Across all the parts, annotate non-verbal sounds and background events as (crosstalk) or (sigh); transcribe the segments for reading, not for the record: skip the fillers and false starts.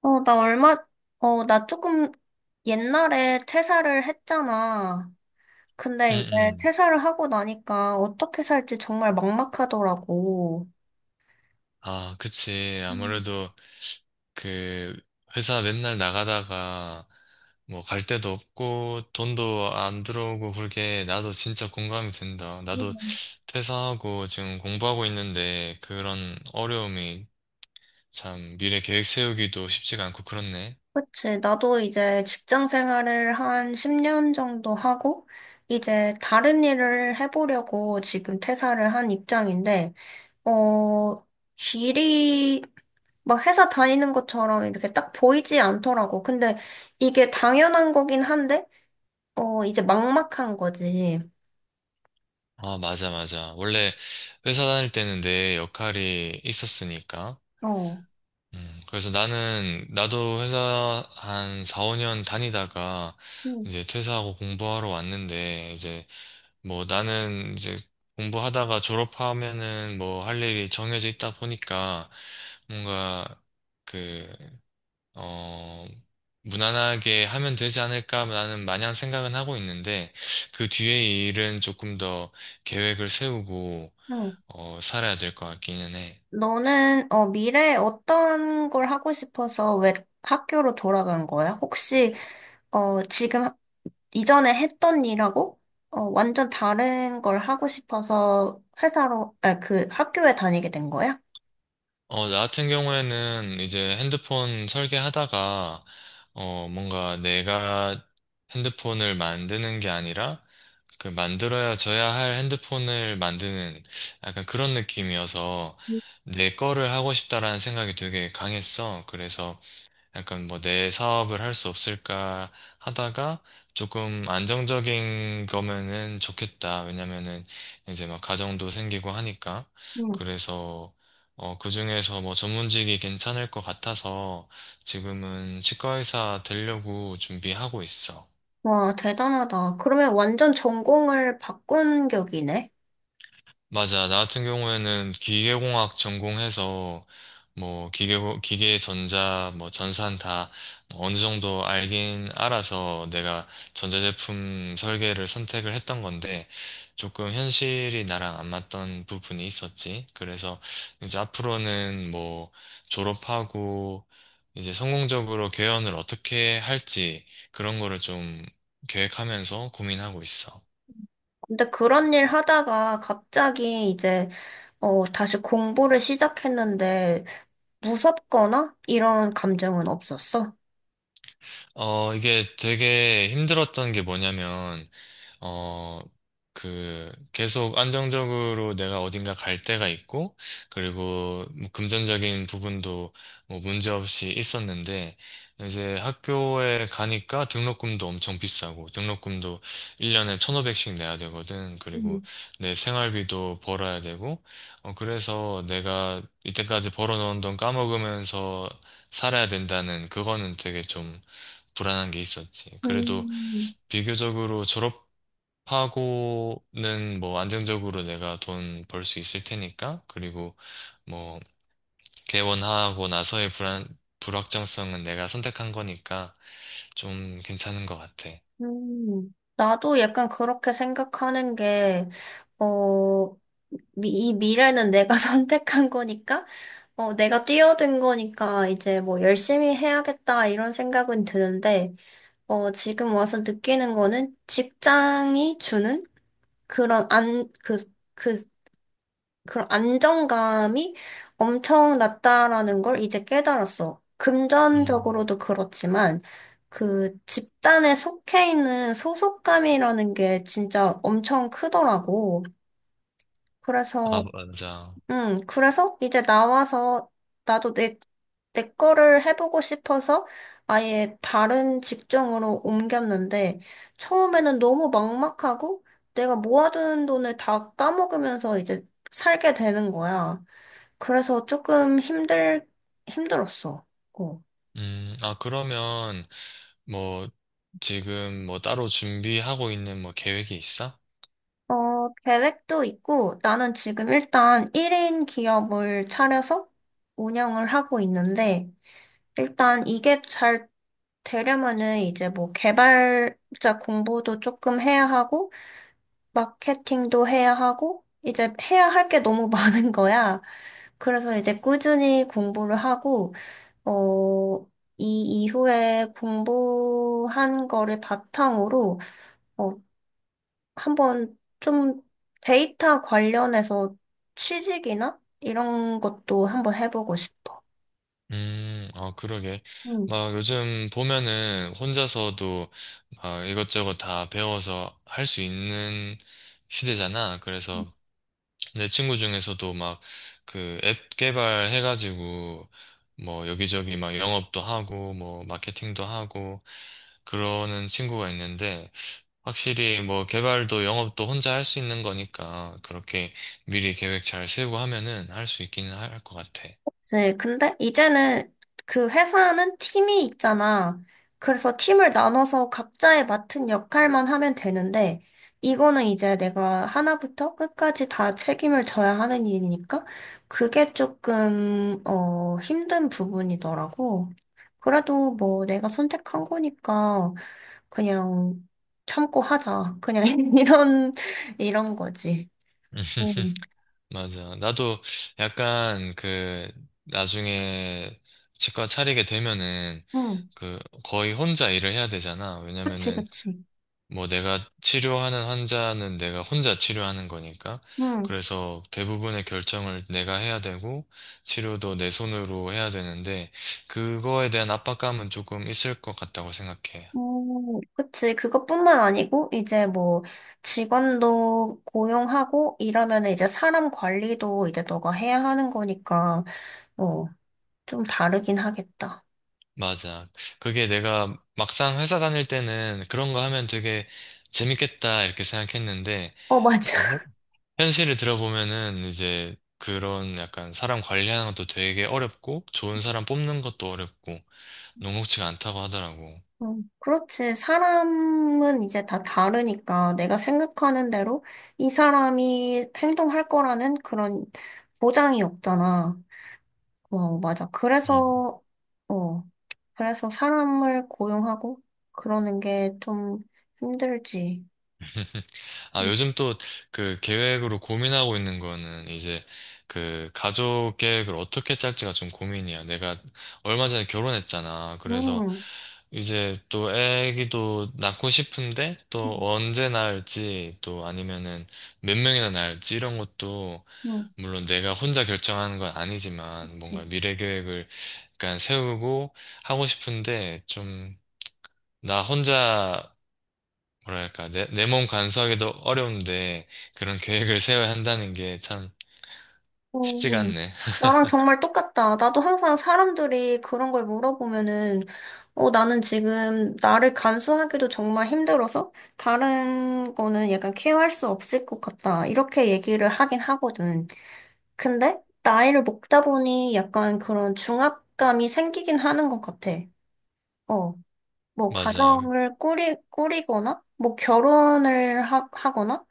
어, 나 얼마, 나 조금 옛날에 퇴사를 했잖아. 응, 근데 이제 응. 퇴사를 하고 나니까 어떻게 살지 정말 막막하더라고. 아, 그치. 음. 아무래도 그 회사 맨날 나가다가 뭐 갈 데도 없고 돈도 안 들어오고 그게 나도 진짜 공감이 된다. 나도 음. 퇴사하고 지금 공부하고 있는데 그런 어려움이 참 미래 계획 세우기도 쉽지가 않고 그렇네. 그치. 나도 이제 직장 생활을 한 10년 정도 하고, 이제 다른 일을 해보려고 지금 퇴사를 한 입장인데, 어, 길이 막 회사 다니는 것처럼 이렇게 딱 보이지 않더라고. 근데 이게 당연한 거긴 한데, 이제 막막한 거지. 아, 맞아, 맞아. 원래 회사 다닐 때는 내 역할이 있었으니까. 어. 그래서 나도 회사 한 4, 5년 다니다가 응. 이제 퇴사하고 공부하러 왔는데, 이제 뭐 나는 이제 공부하다가 졸업하면은 뭐 할 일이 정해져 있다 보니까 뭔가 그, 어, 무난하게 하면 되지 않을까 나는 마냥 생각은 하고 있는데, 그 뒤에 일은 조금 더 계획을 세우고, 응. 살아야 될 것 같기는 해. 너는 미래에 어떤 걸 하고 싶어서 왜 학교로 돌아간 거야? 혹시 어, 지금 하- 이전에 했던 일하고 완전 다른 걸 하고 싶어서 아, 그 학교에 다니게 된 거야? 나 같은 경우에는 이제 핸드폰 설계하다가, 뭔가 내가 핸드폰을 만드는 게 아니라, 만들어야 져야 할 핸드폰을 만드는 약간 그런 느낌이어서, 내 거를 하고 싶다라는 생각이 되게 강했어. 그래서, 약간 뭐 내 사업을 할 수 없을까 하다가 조금 안정적인 거면은 좋겠다. 왜냐면은 이제 막 가정도 생기고 하니까. 응. 그래서 그중에서 뭐 전문직이 괜찮을 것 같아서 지금은 치과의사 되려고 준비하고 있어. 와, 대단하다. 그러면 완전 전공을 바꾼 격이네. 맞아. 나 같은 경우에는 기계공학 전공해서 뭐 기계 전자 뭐 전산 다 어느 정도 알긴 알아서 내가 전자제품 설계를 선택을 했던 건데 조금 현실이 나랑 안 맞던 부분이 있었지. 그래서 이제 앞으로는 뭐 졸업하고 이제 성공적으로 개연을 어떻게 할지 그런 거를 좀 계획하면서 고민하고 있어. 근데 그런 일 하다가 갑자기 이제, 다시 공부를 시작했는데, 무섭거나 이런 감정은 없었어? 이게 되게 힘들었던 게 뭐냐면, 어, 계속 안정적으로 내가 어딘가 갈 때가 있고, 그리고 뭐 금전적인 부분도 뭐 문제 없이 있었는데, 이제 학교에 가니까 등록금도 엄청 비싸고, 등록금도 1년에 1,500씩 내야 되거든. 음, 그리고 내 생활비도 벌어야 되고, 그래서 내가 이때까지 벌어놓은 돈 까먹으면서 살아야 된다는 그거는 되게 좀 불안한 게 있었지. 그래도 음, 비교적으로 졸업하고는 뭐 안정적으로 내가 돈 벌 수 있을 테니까. 그리고 뭐 개원하고 나서의 불확정성은 내가 선택한 거니까 좀 괜찮은 것 같아. 나도 약간 그렇게 생각하는 게, 어, 이 미래는 내가 (laughs) 선택한 거니까, 내가 뛰어든 거니까 이제 뭐 열심히 해야겠다 이런 생각은 드는데, 지금 와서 느끼는 거는 직장이 주는 그런 안, 그, 그 그런 안정감이 엄청 낮다라는 걸 이제 깨달았어. 음. 금전적으로도 그렇지만, 그 집단에 속해 있는 소속감이라는 게 진짜 엄청 크더라고. 아, 그래서, 맞아. 그래서 이제 나와서 나도 내 거를 해보고 싶어서 아예 다른 직종으로 옮겼는데, 처음에는 너무 막막하고, 내가 모아둔 돈을 다 까먹으면서 이제 살게 되는 거야. 그래서 조금 힘들었어. 어. 아, 그러면 뭐 지금 뭐 따로 준비하고 있는 뭐 계획이 있어? 계획도 있고, 나는 지금 일단 1인 기업을 차려서 운영을 하고 있는데, 일단 이게 잘 되려면은 이제 뭐 개발자 공부도 조금 해야 하고, 마케팅도 해야 하고, 이제 해야 할 게 너무 (laughs) 많은 거야. 그래서 이제 꾸준히 공부를 하고, 어, 이 이후에 공부한 거를 바탕으로, 어, 한번 좀 데이터 관련해서 취직이나 이런 것도 한번 해보고 싶어. 아, 그러게. 응. 막 요즘 보면은 혼자서도 막 이것저것 다 배워서 할 수 있는 시대잖아. 그래서 내 친구 중에서도 막 그 앱 개발해가지고 뭐 여기저기 막 영업도 하고 뭐 마케팅도 하고 그러는 친구가 있는데 확실히 뭐 개발도 영업도 혼자 할 수 있는 거니까 그렇게 미리 계획 잘 세우고 하면은 할 수 있기는 할 것 같아. 네, 근데 이제는 그 회사는 팀이 있잖아. 그래서 팀을 나눠서 각자의 맡은 역할만 하면 되는데, 이거는 이제 내가 하나부터 끝까지 다 책임을 져야 하는 일이니까, 그게 조금, 힘든 부분이더라고. 그래도 뭐 내가 선택한 거니까, 그냥 참고 하자. 그냥 (laughs) 이런, 이런 거지. 응. (laughs) 맞아. 나도 약간 나중에 치과 차리게 되면은 응. 그 거의 혼자 일을 해야 되잖아. 그치, 왜냐면은 그치. 뭐 내가 치료하는 환자는 내가 혼자 치료하는 거니까. 응. 그래서 대부분의 결정을 내가 해야 되고 치료도 내 손으로 해야 되는데 그거에 대한 압박감은 조금 있을 것 같다고 생각해. 그치. 그것뿐만 아니고, 이제 뭐, 직원도 고용하고, 이러면 이제 사람 관리도 이제 너가 해야 하는 거니까, 어, 좀 다르긴 하겠다. 맞아. 그게 내가 막상 회사 다닐 때는 그런 거 하면 되게 재밌겠다 이렇게 생각했는데 어, (laughs) 맞아. 현실을 들어보면은 이제 그런 약간 사람 관리하는 것도 되게 어렵고 좋은 사람 뽑는 것도 어렵고 녹록지가 않다고 하더라고. 어, 그렇지. 사람은 이제 다 다르니까, 내가 생각하는 대로 이 사람이 행동할 거라는 그런 보장이 없잖아. 어, 맞아. 어, 그래서 사람을 고용하고, 그러는 게 좀 힘들지. (laughs) 아, 음. 요즘 또 그 계획으로 고민하고 있는 거는 이제 그 가족 계획을 어떻게 짤지가 좀 고민이야. 내가 얼마 전에 결혼했잖아. 그래서 음. 이제 또 애기도 낳고 싶은데 또 언제 낳을지 또 아니면은 몇 명이나 낳을지 이런 것도 음. 물론 내가 혼자 결정하는 건 아니지만 그치. 뭔가 미래 계획을 약간 세우고 하고 싶은데 좀 나 혼자 뭐랄까, 내 몸 간수하기도 어려운데 그런 계획을 세워야 한다는 게 참 쉽지가 오, 않네. (laughs) 나랑 정말 똑같다. 나도 항상 사람들이 그런 걸 물어보면은, 나는 지금 나를 간수하기도 정말 힘들어서 다른 거는 약간 케어할 수 없을 것 같다. 이렇게 얘기를 하긴 하거든. 근데 나이를 먹다 보니 약간 그런 중압감이 생기긴 하는 것 같아. 어. 뭐 맞아, 가정을 꾸리거나 뭐 결혼을 하거나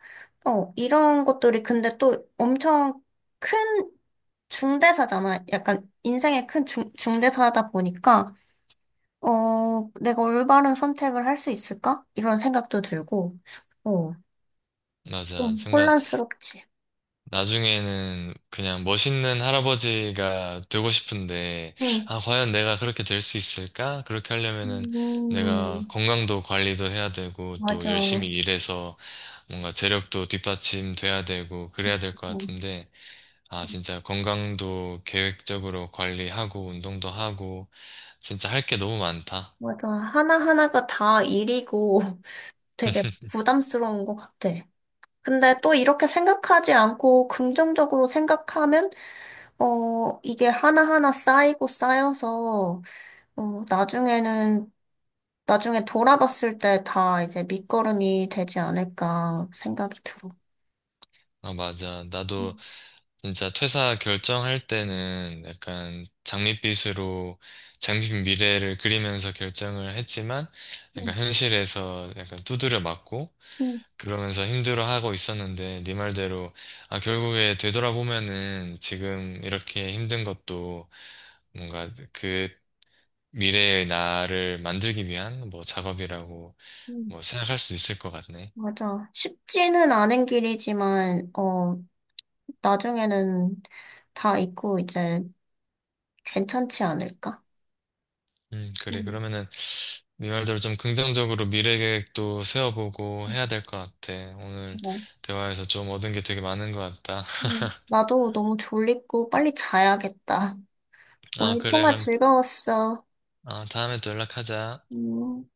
이런 것들이 근데 또 엄청 큰 중대사잖아. 약간 인생의 큰 중대사다 보니까 내가 올바른 선택을 할 수 있을까? 이런 생각도 들고 어 맞아. 좀 정말 혼란스럽지. 나중에는 그냥 멋있는 할아버지가 되고 싶은데, 응. 아, 과연 내가 그렇게 될 수 있을까? 그렇게 하려면은 내가 음, 건강도 관리도 해야 되고, 또 맞아. 열심히 어, 일해서 뭔가 재력도 뒷받침돼야 되고, 그래야 될 것 같은데, 아, 진짜 건강도 계획적으로 관리하고, 운동도 하고, 진짜 할 게 너무 많다. 맞아. 하나하나가 다 일이고 (laughs) 되게 (laughs) 부담스러운 것 같아. 근데 또 이렇게 생각하지 않고 긍정적으로 생각하면, 이게 하나하나 쌓이고 쌓여서, 어, 나중에는, 나중에 돌아봤을 때 다 이제 밑거름이 되지 않을까 생각이 들어. 아, 맞아. 나도 음. 진짜 퇴사 결정할 때는 약간 장밋빛 미래를 그리면서 결정을 했지만 음. 약간 현실에서 약간 두드려 맞고 음. 그러면서 힘들어하고 있었는데 네 말대로 아, 결국에 되돌아보면은 지금 이렇게 힘든 것도 뭔가 그 미래의 나를 만들기 위한 뭐 작업이라고 음. 뭐 생각할 수 있을 것 같네. 맞아. 쉽지는 않은 길이지만, 나중에는 다 있고 이제 괜찮지 않을까? 그래. 음, 그러면은 네 말대로 좀 긍정적으로 미래 계획도 세워보고 음, 해야 될 것 같아. 오늘 어, 대화에서 좀 얻은 게 되게 많은 것 같다. (laughs) 나도 너무 졸립고 빨리 자야겠다. 아, 오늘 그래. 통화 그럼 즐거웠어. 다음에 또 연락하자. 음.